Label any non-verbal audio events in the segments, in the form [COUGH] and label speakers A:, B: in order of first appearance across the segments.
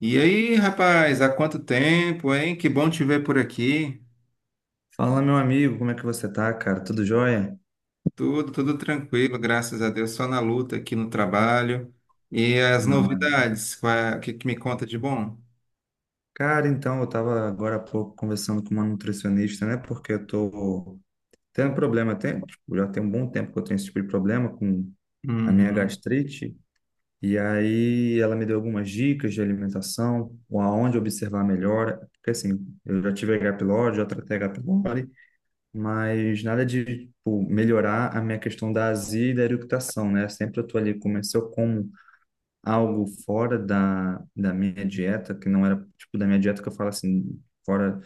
A: E aí, rapaz, há quanto tempo, hein? Que bom te ver por aqui.
B: Fala, meu amigo, como é que você tá, cara? Tudo jóia?
A: Tudo tranquilo, graças a Deus. Só na luta aqui no trabalho. E as
B: Não, é.
A: novidades, o que me conta de bom?
B: Cara, então, eu tava agora há pouco conversando com uma nutricionista, né? Porque eu tô tendo problema, tem, tipo, já tem um bom tempo que eu tenho esse tipo de problema com a minha
A: Uhum,
B: gastrite. E aí ela me deu algumas dicas de alimentação, ou aonde observar melhor. Porque assim, eu já tive H. pylori, já tratei H. pylori, mas nada de, tipo, melhorar a minha questão da azia e da eructação, né? Sempre eu tô ali, comecei eu como algo fora da minha dieta, que não era tipo da minha dieta que eu falo assim, fora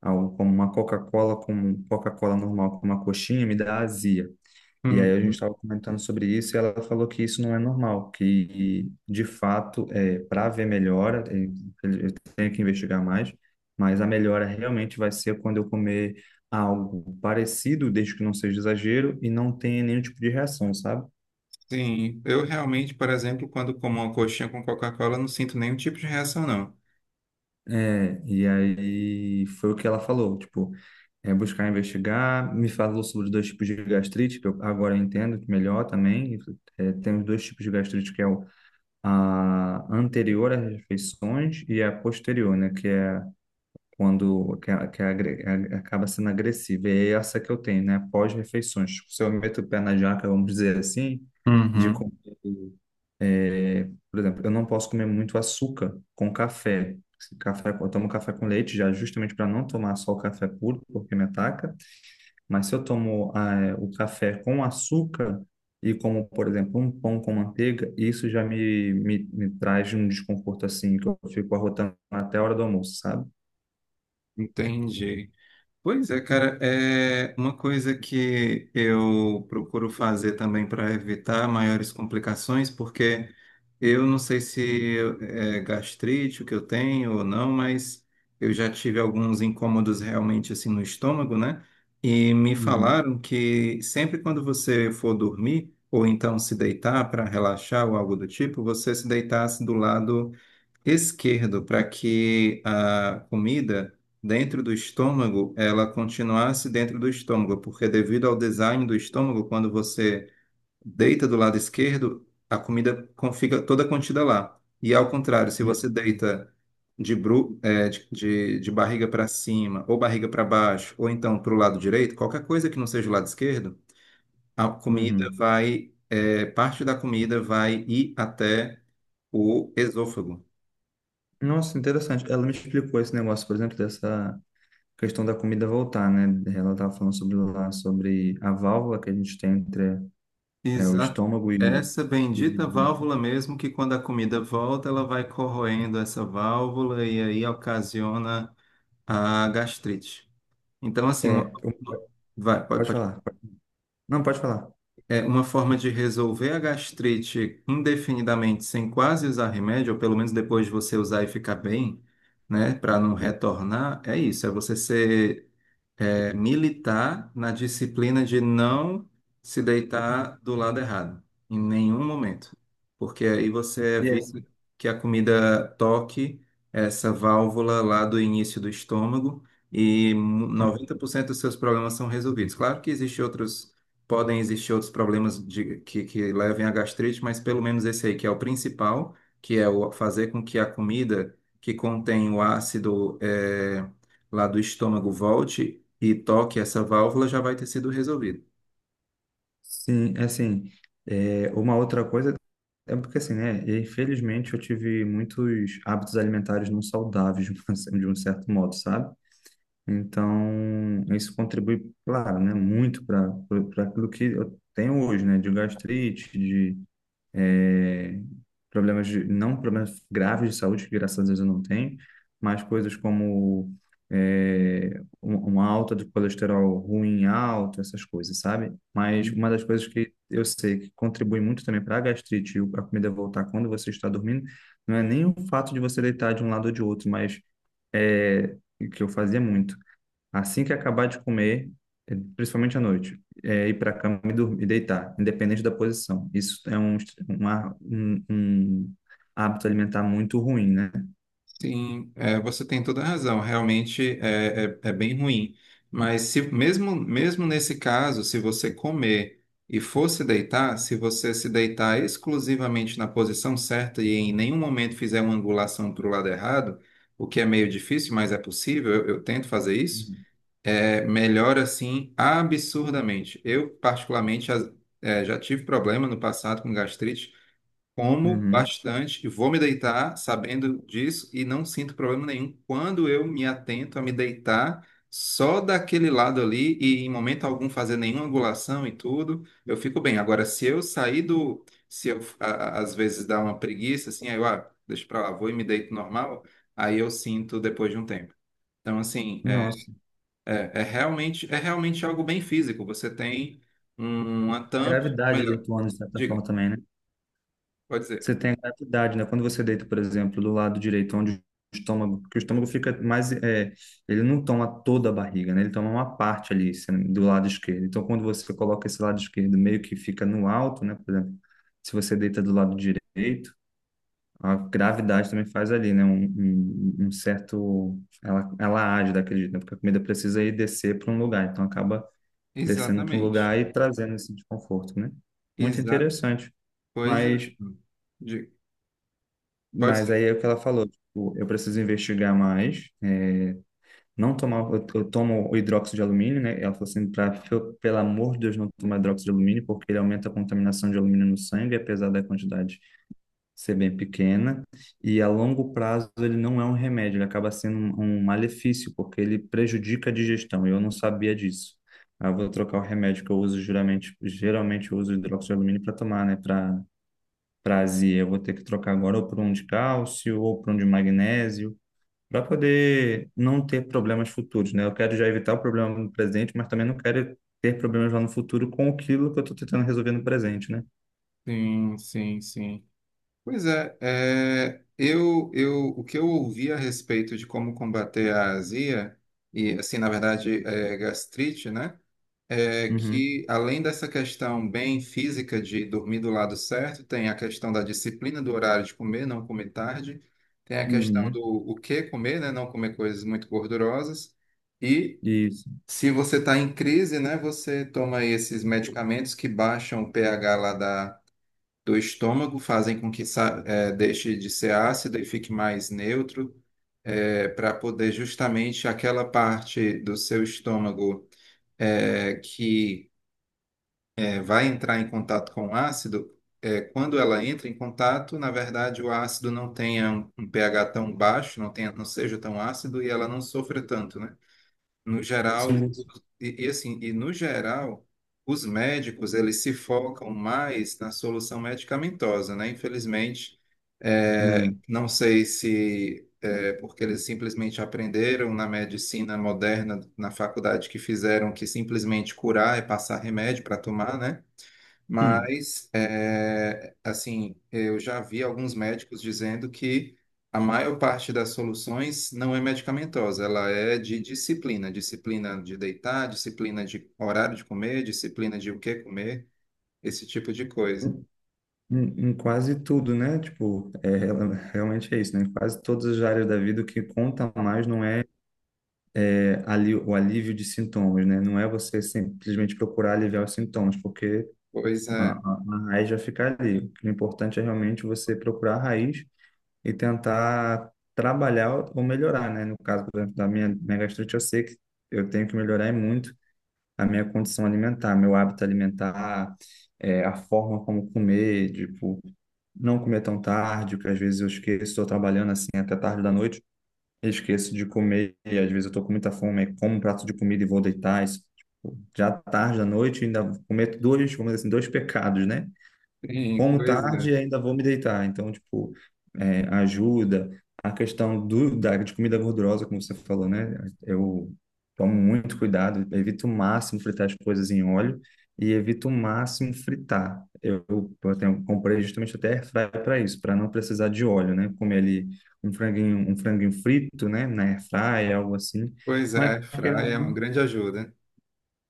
B: algo como uma Coca-Cola, como um Coca-Cola normal, como uma coxinha, me dá azia. E aí a gente
A: uhum.
B: estava comentando sobre isso e ela falou que isso não é normal, que de fato, para ver melhora, eu tenho que investigar mais, mas a melhora realmente vai ser quando eu comer algo parecido, desde que não seja exagero e não tenha nenhum tipo de reação, sabe?
A: Sim, eu realmente, por exemplo, quando como uma coxinha com Coca-Cola, não sinto nenhum tipo de reação, não.
B: É, e aí foi o que ela falou, tipo, é buscar investigar. Me falou sobre os dois tipos de gastrite, que eu agora entendo que melhor também. É, tem os dois tipos de gastrite, que é o, a anterior às refeições e a posterior, né? Que é quando que é acaba sendo agressiva. E é essa que eu tenho, né? Pós-refeições. Tipo, se eu meto o pé na jaca, vamos dizer assim, de
A: Uhum.
B: comer é, por exemplo, eu não posso comer muito açúcar com café. Se Café, eu tomo café com leite já justamente para não tomar só o café puro, porque me ataca. Mas se eu tomo o café com açúcar e como, por exemplo, um pão com manteiga, isso já me traz um desconforto assim, que eu fico arrotando até a hora do almoço, sabe?
A: Entendi. Pois é, cara, é uma coisa que eu procuro fazer também para evitar maiores complicações, porque eu não sei se é gastrite o que eu tenho ou não, mas eu já tive alguns incômodos realmente assim no estômago, né? E me
B: Uhum.
A: falaram que sempre quando você for dormir, ou então se deitar para relaxar ou algo do tipo, você se deitasse do lado esquerdo para que a comida dentro do estômago ela continuasse dentro do estômago, porque devido ao design do estômago, quando você deita do lado esquerdo, a comida fica toda contida lá. E ao contrário, se você
B: Uhum.
A: deita de, bru eh, de barriga para cima, ou barriga para baixo, ou então para o lado direito, qualquer coisa que não seja o lado esquerdo, a comida
B: Uhum.
A: vai, eh, parte da comida vai ir até o esôfago.
B: Nossa, interessante. Ela me explicou esse negócio, por exemplo, dessa questão da comida voltar, né? Ela estava falando sobre lá sobre a válvula que a gente tem entre o
A: Exato.
B: estômago
A: Essa
B: e o
A: bendita válvula
B: esôfago.
A: mesmo que quando a comida volta, ela vai corroendo essa válvula e aí ocasiona a gastrite. Então, assim,
B: É, eu-
A: vai, pode,
B: pode
A: pode.
B: falar. Não, pode falar.
A: É uma forma de resolver a gastrite indefinidamente sem quase usar remédio, ou pelo menos depois de você usar e ficar bem, né, para não retornar, é isso, é você ser militar na disciplina de não se deitar do lado errado, em nenhum momento, porque aí você
B: Yes.
A: evita que a comida toque essa válvula lá do início do estômago e 90% dos seus problemas são resolvidos. Claro que existem outros, podem existir outros problemas que levem à gastrite, mas pelo menos esse aí que é o principal, que é o fazer com que a comida que contém o ácido lá do estômago volte e toque essa válvula, já vai ter sido resolvido.
B: Sim, é assim, é, uma outra coisa é porque assim, né? Infelizmente eu tive muitos hábitos alimentares não saudáveis [LAUGHS] de um certo modo, sabe? Então isso contribui, claro, né, muito para aquilo que eu tenho hoje, né? De gastrite, de é, problemas de, não problemas graves de saúde, que graças a Deus eu não tenho, mas coisas como uma alta de colesterol ruim alto, essas coisas, sabe? Mas uma das coisas que eu sei que contribui muito também para a gastrite e a comida voltar quando você está dormindo, não é nem o fato de você deitar de um lado ou de outro, mas é, que eu fazia muito. Assim que acabar de comer, principalmente à noite, é ir para a cama e dormir, e deitar, independente da posição. Isso é um hábito alimentar muito ruim, né?
A: Sim, é, você tem toda a razão. Realmente é bem ruim. Mas se mesmo, mesmo nesse caso, se você comer e for se deitar, se você se deitar exclusivamente na posição certa e em nenhum momento fizer uma angulação para o lado errado, o que é meio difícil, mas é possível, eu tento fazer isso,
B: Uhum.
A: é, melhora assim absurdamente. Eu, particularmente, já tive problema no passado com gastrite. Como
B: Uhum.
A: bastante, e vou me deitar sabendo disso e não sinto problema nenhum quando eu me atento a me deitar só daquele lado ali e em momento algum fazer nenhuma angulação e tudo, eu fico bem. Agora, se eu sair do, se eu a- às vezes dá uma preguiça assim, aí eu, ah, deixa pra lá, vou e me deito normal, aí eu sinto depois de um tempo. Então, assim,
B: Nossa.
A: é realmente algo bem físico. Você tem uma
B: A
A: tampa,
B: gravidade ali
A: melhor,
B: atuando de certa
A: diga,
B: forma também, né?
A: pode dizer.
B: Você tem a gravidade, né? Quando você deita, por exemplo, do lado direito, onde o estômago, porque o estômago fica mais, é, ele não toma toda a barriga, né? Ele toma uma parte ali, do lado esquerdo. Então, quando você coloca esse lado esquerdo meio que fica no alto, né? Por exemplo, se você deita do lado direito, a gravidade também faz ali, né? Um certo, ela age daquele jeito, né? Porque a comida precisa ir descer para um lugar, então acaba descendo para um
A: Exatamente.
B: lugar e trazendo esse desconforto, né? Muito interessante.
A: coisa
B: Mas
A: De- Pode
B: Mas
A: ser.
B: aí é o que ela falou, tipo, eu preciso investigar mais, é, não tomar, eu tomo o hidróxido de alumínio, né? Ela falou assim, pra, pelo amor de Deus, não tomar hidróxido de alumínio, porque ele aumenta a contaminação de alumínio no sangue, apesar da quantidade ser bem pequena, e a longo prazo ele não é um remédio, ele acaba sendo um malefício, porque ele prejudica a digestão, e eu não sabia disso. Aí eu vou trocar o remédio que eu uso geralmente, geralmente eu uso hidróxido de alumínio para tomar, né? Para prazer, eu vou ter que trocar agora ou por um de cálcio ou por um de magnésio, para poder não ter problemas futuros, né? Eu quero já evitar o problema no presente, mas também não quero ter problemas lá no futuro com aquilo que eu estou tentando resolver no presente, né?
A: Sim, sim, sim. Pois é, é, eu, o que eu ouvi a respeito de como combater a azia, e assim, na verdade, é, gastrite, né? É
B: Uhum,
A: que além dessa questão bem física de dormir do lado certo, tem a questão da disciplina do horário de comer, não comer tarde, tem a questão
B: uhum,
A: do o que comer, né? Não comer coisas muito gordurosas, e
B: isso,
A: se você está em crise, né, você toma aí esses medicamentos que baixam o pH lá da, do estômago, fazem com que deixe de ser ácido e fique mais neutro, para poder justamente aquela parte do seu estômago eh, que eh, vai entrar em contato com o ácido, eh, quando ela entra em contato, na verdade o ácido não tenha um pH tão baixo, não tenha, não seja tão ácido e ela não sofra tanto, né? No geral,
B: sim, sim.
A: e no geral, os médicos eles se focam mais na solução medicamentosa, né? Infelizmente, é,
B: É.
A: não sei se é porque eles simplesmente aprenderam na medicina moderna, na faculdade que fizeram que simplesmente curar é passar remédio para tomar, né?
B: Hum.
A: Mas, é, assim, eu já vi alguns médicos dizendo que a maior parte das soluções não é medicamentosa, ela é de disciplina, disciplina de deitar, disciplina de horário de comer, disciplina de o que comer, esse tipo de coisa.
B: Em, em quase tudo, né? Tipo, realmente é isso, né? Em quase todas as áreas da vida, o que conta mais não é é ali, o alívio de sintomas, né? Não é você simplesmente procurar aliviar os sintomas, porque
A: Pois é,
B: A raiz vai ficar ali. O que é importante é realmente você procurar a raiz e tentar trabalhar ou melhorar, né? No caso, por exemplo, da minha, minha gastrite, eu sei que eu tenho que melhorar e muito a minha condição alimentar, meu hábito alimentar, é, a forma como comer, tipo, não comer tão tarde, porque às vezes eu esqueço, estou trabalhando assim até tarde da noite, eu esqueço de comer, e às vezes eu estou com muita fome, aí como um prato de comida e vou deitar, isso, tipo, já tarde da noite, ainda cometo dois, vamos dizer assim, dois pecados, né?
A: sim,
B: Como tarde, ainda vou me deitar. Então, tipo, é, ajuda. A questão de comida gordurosa, como você falou, né? Eu tomo muito cuidado, evito o máximo fritar as coisas em óleo e evito o máximo fritar. Eu tenho, comprei justamente até airfryer para isso, para não precisar de óleo, né? Comer ali um franguinho frito, né? Na airfryer, algo assim.
A: pois
B: Mas
A: é, Fry é uma grande ajuda.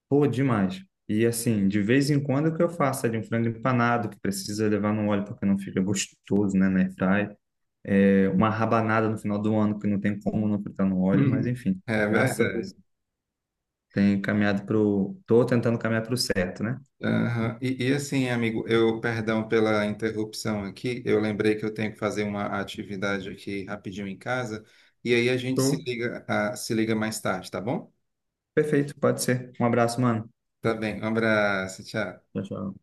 B: pô, demais. E assim, de vez em quando o que eu faço é de um frango empanado, que precisa levar no óleo porque não fica gostoso, né, na airfry. É, uma rabanada no final do ano, que não tem como não fritar no óleo, mas
A: [LAUGHS]
B: enfim.
A: É
B: Graças a Deus,
A: verdade.
B: tenho caminhado pro... Tô tentando caminhar pro certo, né?
A: Aham. E assim, amigo, eu, perdão pela interrupção aqui, eu lembrei que eu tenho que fazer uma atividade aqui rapidinho em casa, e aí a gente se
B: Show.
A: liga, ah, se liga mais tarde, tá bom?
B: Perfeito, pode ser. Um abraço, mano.
A: Tá bem, um abraço, tchau.
B: Tchau, tchau.